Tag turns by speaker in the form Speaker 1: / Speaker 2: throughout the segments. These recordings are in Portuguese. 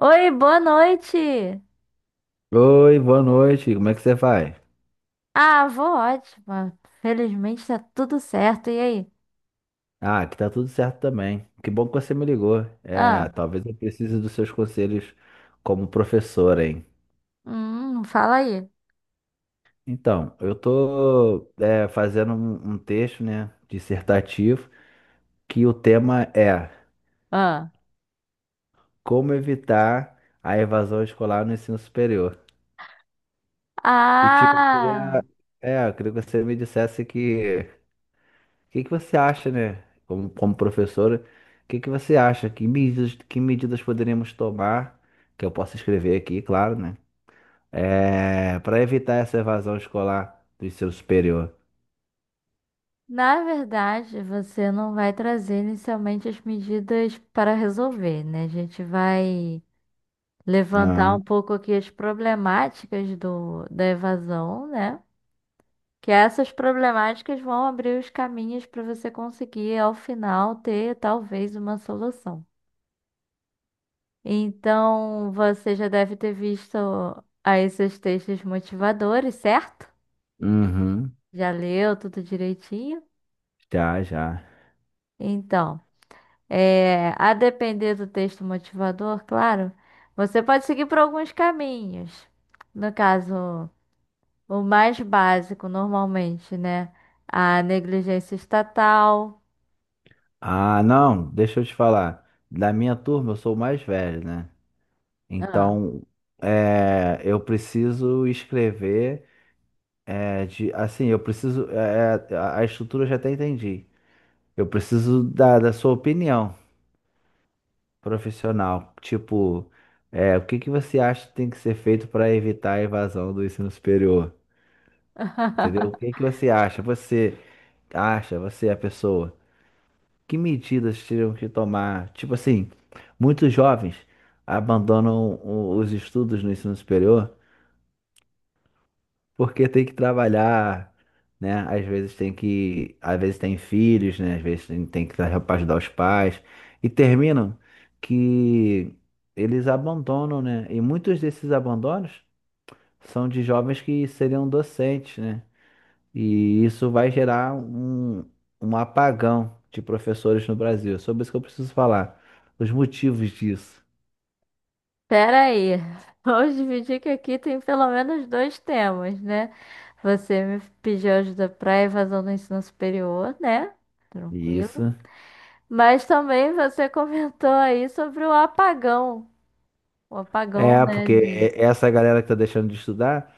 Speaker 1: Oi, boa noite.
Speaker 2: Oi, boa noite. Como é que você vai?
Speaker 1: Ah, vou ótima. Felizmente tá tudo certo. E aí?
Speaker 2: Ah, aqui tá tudo certo também. Que bom que você me ligou.
Speaker 1: Ah,
Speaker 2: Talvez eu precise dos seus conselhos como professor, hein?
Speaker 1: fala aí.
Speaker 2: Então, eu tô fazendo um texto, né, dissertativo, que o tema é
Speaker 1: Ah.
Speaker 2: como evitar a evasão escolar no ensino superior. E tipo,
Speaker 1: Ah,
Speaker 2: eu queria que você me dissesse que o que que você acha, né? Como professora, o que que você acha? Que medidas poderíamos tomar, que eu posso escrever aqui, claro, né? Para evitar essa evasão escolar do ensino superior.
Speaker 1: na verdade, você não vai trazer inicialmente as medidas para resolver, né? A gente vai levantar
Speaker 2: Ah,
Speaker 1: um pouco aqui as problemáticas da evasão, né? Que essas problemáticas vão abrir os caminhos para você conseguir, ao final, ter talvez uma solução. Então, você já deve ter visto aí seus textos motivadores, certo?
Speaker 2: uhum,
Speaker 1: Já leu tudo direitinho?
Speaker 2: já, já.
Speaker 1: Então, é, a depender do texto motivador, claro, você pode seguir por alguns caminhos. No caso, o mais básico, normalmente, né? A negligência estatal.
Speaker 2: Ah, não, deixa eu te falar. Da minha turma, eu sou o mais velho, né?
Speaker 1: Ah.
Speaker 2: Então, eu preciso escrever, eu preciso, a estrutura eu já até entendi. Eu preciso da sua opinião profissional. Tipo, o que que você acha que tem que ser feito para evitar a evasão do ensino superior? Entendeu? O que que você acha? Você acha, você é a pessoa. Que medidas teriam que tomar? Tipo assim, muitos jovens abandonam os estudos no ensino superior, porque tem que trabalhar, né? Às vezes tem filhos, né? Às vezes tem que ajudar os pais. E terminam que eles abandonam, né? E muitos desses abandonos são de jovens que seriam docentes, né? E isso vai gerar um apagão de professores no Brasil. É sobre isso que eu preciso falar. Os motivos disso.
Speaker 1: Pera aí, vamos dividir que aqui tem pelo menos dois temas, né? Você me pediu ajuda para evasão do ensino superior, né?
Speaker 2: E
Speaker 1: Tranquilo.
Speaker 2: isso.
Speaker 1: Mas também você comentou aí sobre o apagão. O apagão,
Speaker 2: É,
Speaker 1: né?
Speaker 2: porque
Speaker 1: De...
Speaker 2: essa galera que tá deixando de estudar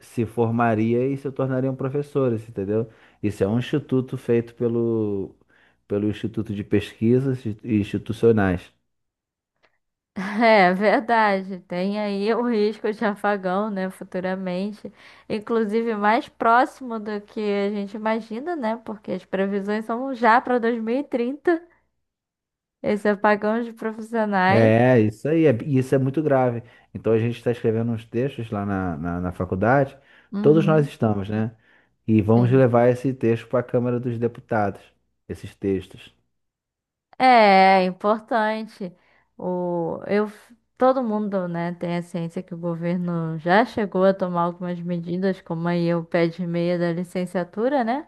Speaker 2: se formaria e se tornariam professores, entendeu? Isso é um instituto feito pelo Instituto de Pesquisas Institucionais.
Speaker 1: É verdade, tem aí o risco de apagão, né? Futuramente. Inclusive mais próximo do que a gente imagina, né? Porque as previsões são já para 2030, esse apagão de profissionais.
Speaker 2: É, isso aí, é, e isso é muito grave. Então a gente está escrevendo uns textos lá na faculdade, todos nós
Speaker 1: Uhum.
Speaker 2: estamos, né? E vamos
Speaker 1: Sim.
Speaker 2: levar esse texto para a Câmara dos Deputados, esses textos.
Speaker 1: É, é importante. O, eu, todo mundo, né, tem a ciência que o governo já chegou a tomar algumas medidas, como aí o pé de meia da licenciatura, né,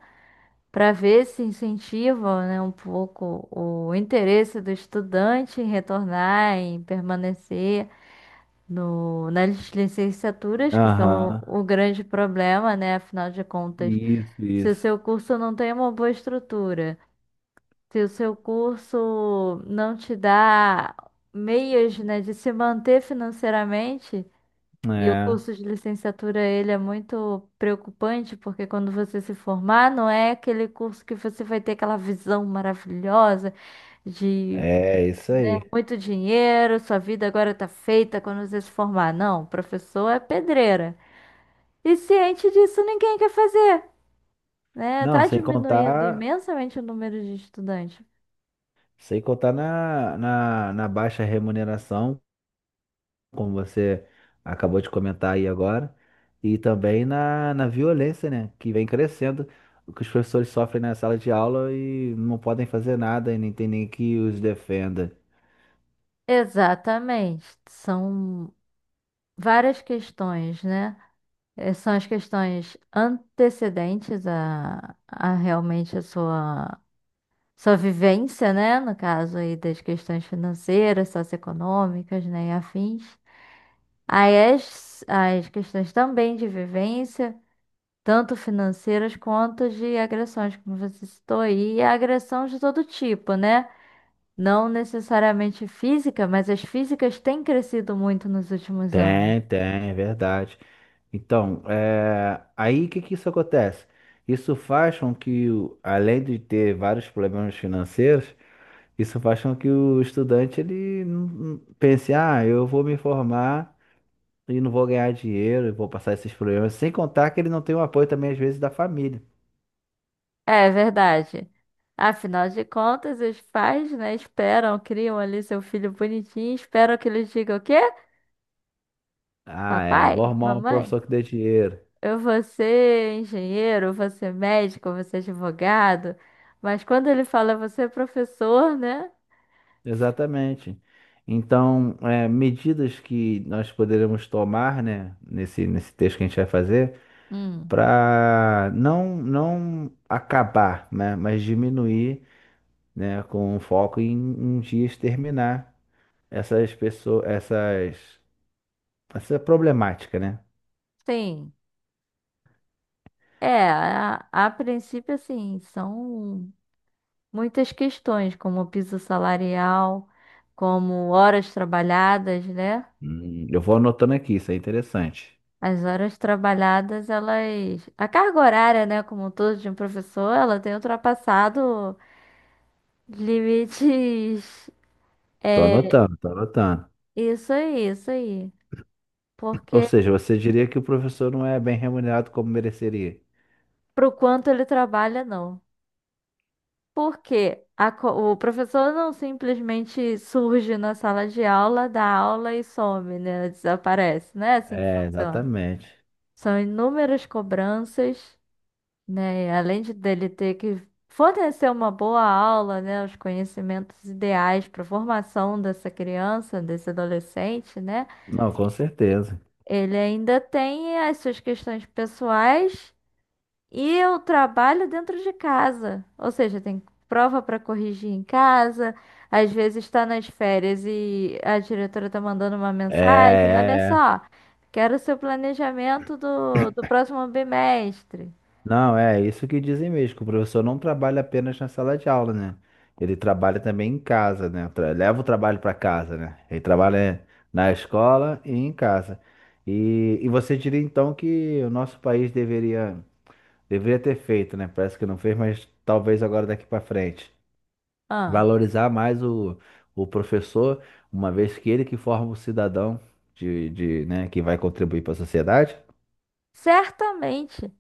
Speaker 1: para ver se incentiva, né, um pouco o interesse do estudante em retornar, em permanecer no, nas licenciaturas, que são
Speaker 2: Aham,
Speaker 1: o grande problema, né, afinal de contas,
Speaker 2: isso,
Speaker 1: se o
Speaker 2: isso.
Speaker 1: seu curso não tem uma boa estrutura. Se o seu curso não te dá meios, né, de se manter financeiramente, e o
Speaker 2: É,
Speaker 1: curso de licenciatura ele é muito preocupante, porque quando você se formar, não é aquele curso que você vai ter aquela visão maravilhosa de
Speaker 2: é isso aí.
Speaker 1: muito dinheiro, sua vida agora tá feita quando você se formar. Não, o professor é pedreira. E ciente disso, ninguém quer fazer, né?
Speaker 2: Não,
Speaker 1: Tá
Speaker 2: sem
Speaker 1: diminuindo
Speaker 2: contar.
Speaker 1: imensamente o número de estudantes.
Speaker 2: Sem contar na baixa remuneração, como você acabou de comentar aí agora, e também na violência, né? Que vem crescendo, o que os professores sofrem na sala de aula e não podem fazer nada e nem tem nem que os defenda.
Speaker 1: Exatamente. São várias questões, né? São as questões antecedentes a realmente a sua, sua vivência, né? No caso aí das questões financeiras, socioeconômicas, né? E afins. Aí as questões também de vivência, tanto financeiras quanto de agressões, como você citou aí, e agressão de todo tipo, né? Não necessariamente física, mas as físicas têm crescido muito nos últimos anos.
Speaker 2: Tem, tem, é verdade. Então, é, aí o que que isso acontece? Isso faz com que, além de ter vários problemas financeiros, isso faz com que o estudante ele não pense, ah, eu vou me formar e não vou ganhar dinheiro, eu vou passar esses problemas. Sem contar que ele não tem o apoio também, às vezes, da família.
Speaker 1: É verdade. Afinal de contas, os pais, né, esperam, criam ali seu filho bonitinho, esperam que ele diga o quê?
Speaker 2: Ah, é,
Speaker 1: Papai,
Speaker 2: vou arrumar um
Speaker 1: mamãe,
Speaker 2: professor que dê dinheiro.
Speaker 1: eu vou ser engenheiro, eu vou ser médico, eu vou ser advogado. Mas quando ele fala, você é professor, né?
Speaker 2: Exatamente. Então, é, medidas que nós poderemos tomar, né, nesse texto que a gente vai fazer,
Speaker 1: Hum,
Speaker 2: para não acabar, né, mas diminuir, né, com foco em um dia exterminar essas pessoas, essas. Essa é problemática, né?
Speaker 1: sim. É, a princípio, assim, são muitas questões, como o piso salarial, como horas trabalhadas, né?
Speaker 2: Eu vou anotando aqui, isso é interessante.
Speaker 1: As horas trabalhadas, elas. A carga horária, né, como um todo de um professor, ela tem ultrapassado limites.
Speaker 2: Tô
Speaker 1: É,
Speaker 2: anotando, tô anotando.
Speaker 1: isso aí, isso aí.
Speaker 2: Ou
Speaker 1: Porque
Speaker 2: seja, você diria que o professor não é bem remunerado como mereceria.
Speaker 1: pro quanto ele trabalha, não. Porque o professor não simplesmente surge na sala de aula, dá aula e some, né? Desaparece. Não é assim que
Speaker 2: É,
Speaker 1: funciona.
Speaker 2: exatamente.
Speaker 1: São inúmeras cobranças, né? E além de dele ter que fornecer uma boa aula, né? Os conhecimentos ideais para a formação dessa criança, desse adolescente, né?
Speaker 2: Não, com certeza.
Speaker 1: Ele ainda tem as suas questões pessoais e o trabalho dentro de casa. Ou seja, tem prova para corrigir em casa. Às vezes está nas férias e a diretora está mandando uma
Speaker 2: É,
Speaker 1: mensagem. Olha
Speaker 2: é, é.
Speaker 1: só, quero o seu planejamento do próximo bimestre.
Speaker 2: Não, é isso que dizem mesmo, que o professor não trabalha apenas na sala de aula, né? Ele trabalha também em casa, né? Leva o trabalho para casa, né? Ele trabalha na escola e em casa. E você diria então que o nosso país deveria. Deveria ter feito, né? Parece que não fez, mas talvez agora daqui para frente.
Speaker 1: Ah,
Speaker 2: Valorizar mais o professor, uma vez que ele que forma o cidadão né, que vai contribuir para a sociedade.
Speaker 1: certamente.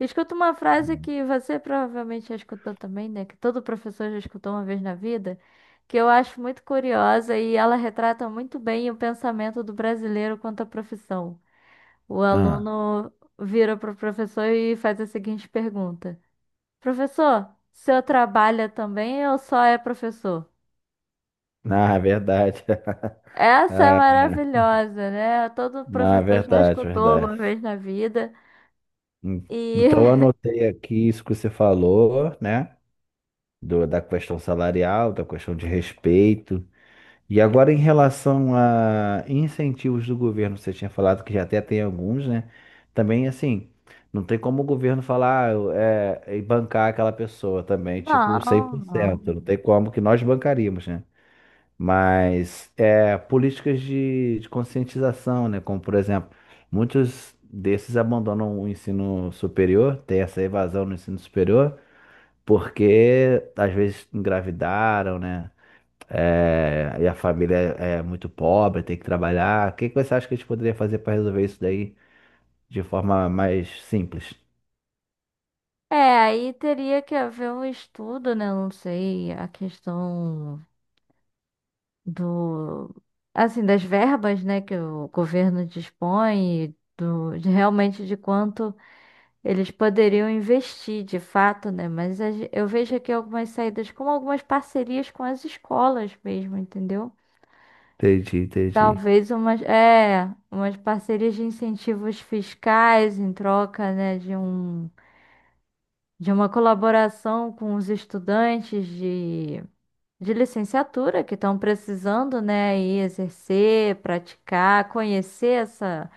Speaker 1: Escuta uma frase que você provavelmente já escutou também, né? Que todo professor já escutou uma vez na vida, que eu acho muito curiosa e ela retrata muito bem o pensamento do brasileiro quanto à profissão. O
Speaker 2: Ah,
Speaker 1: aluno vira para o professor e faz a seguinte pergunta: professor, o senhor trabalha também ou só é professor?
Speaker 2: na verdade.
Speaker 1: Essa é
Speaker 2: Ah,
Speaker 1: maravilhosa, né? Todo
Speaker 2: na
Speaker 1: professor já
Speaker 2: verdade,
Speaker 1: escutou alguma
Speaker 2: verdade.
Speaker 1: vez na vida.
Speaker 2: Hum, Então, eu
Speaker 1: E
Speaker 2: anotei aqui isso que você falou, né? Da questão salarial, da questão de respeito. E agora, em relação a incentivos do governo, você tinha falado que já até tem alguns, né? Também, assim, não tem como o governo falar, ah, é, e bancar aquela pessoa também, tipo,
Speaker 1: não, não.
Speaker 2: 100%. Não tem como que nós bancaríamos, né? Mas é, políticas de conscientização, né? Como, por exemplo, muitos desses abandonam o ensino superior, tem essa evasão no ensino superior, porque às vezes engravidaram, né? É, e a família é muito pobre, tem que trabalhar. O que que você acha que a gente poderia fazer para resolver isso daí de forma mais simples?
Speaker 1: É, aí teria que haver um estudo, né? Não sei, a questão do, assim, das verbas, né, que o governo dispõe, e do, de realmente de quanto eles poderiam investir, de fato, né? Mas eu vejo aqui algumas saídas, como algumas parcerias com as escolas mesmo, entendeu?
Speaker 2: Entendi, entendi.
Speaker 1: Talvez umas, é, umas parcerias de incentivos fiscais em troca, né, de um, de uma colaboração com os estudantes de licenciatura que estão precisando, né, aí exercer, praticar, conhecer essa,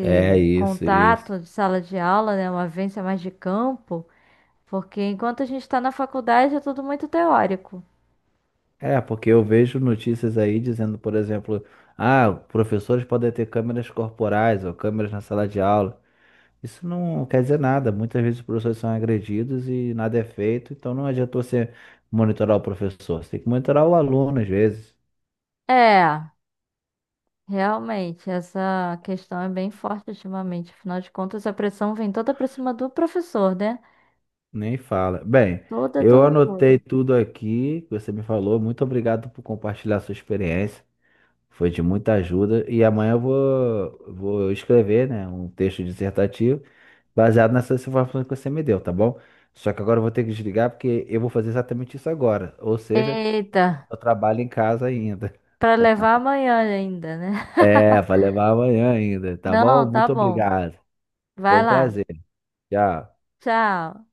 Speaker 2: É isso, isso.
Speaker 1: contato de sala de aula, né, uma vivência mais de campo, porque enquanto a gente está na faculdade é tudo muito teórico.
Speaker 2: É, porque eu vejo notícias aí dizendo, por exemplo, ah, professores podem ter câmeras corporais ou câmeras na sala de aula. Isso não quer dizer nada. Muitas vezes os professores são agredidos e nada é feito, então não adiantou você monitorar o professor. Você tem que monitorar o aluno às vezes.
Speaker 1: É, realmente, essa questão é bem forte ultimamente. Afinal de contas, a pressão vem toda para cima do professor, né?
Speaker 2: Nem fala. Bem,
Speaker 1: Toda,
Speaker 2: eu
Speaker 1: toda, toda.
Speaker 2: anotei tudo aqui que você me falou. Muito obrigado por compartilhar sua experiência. Foi de muita ajuda. E amanhã eu vou escrever, né, um texto dissertativo baseado nessas informações que você me deu, tá bom? Só que agora eu vou ter que desligar porque eu vou fazer exatamente isso agora. Ou seja,
Speaker 1: Eita,
Speaker 2: eu trabalho em casa ainda.
Speaker 1: para levar amanhã ainda, né?
Speaker 2: É, vai levar amanhã ainda, tá
Speaker 1: Não,
Speaker 2: bom?
Speaker 1: tá
Speaker 2: Muito
Speaker 1: bom.
Speaker 2: obrigado. Foi
Speaker 1: Vai
Speaker 2: um
Speaker 1: lá.
Speaker 2: prazer. Tchau.
Speaker 1: Tchau.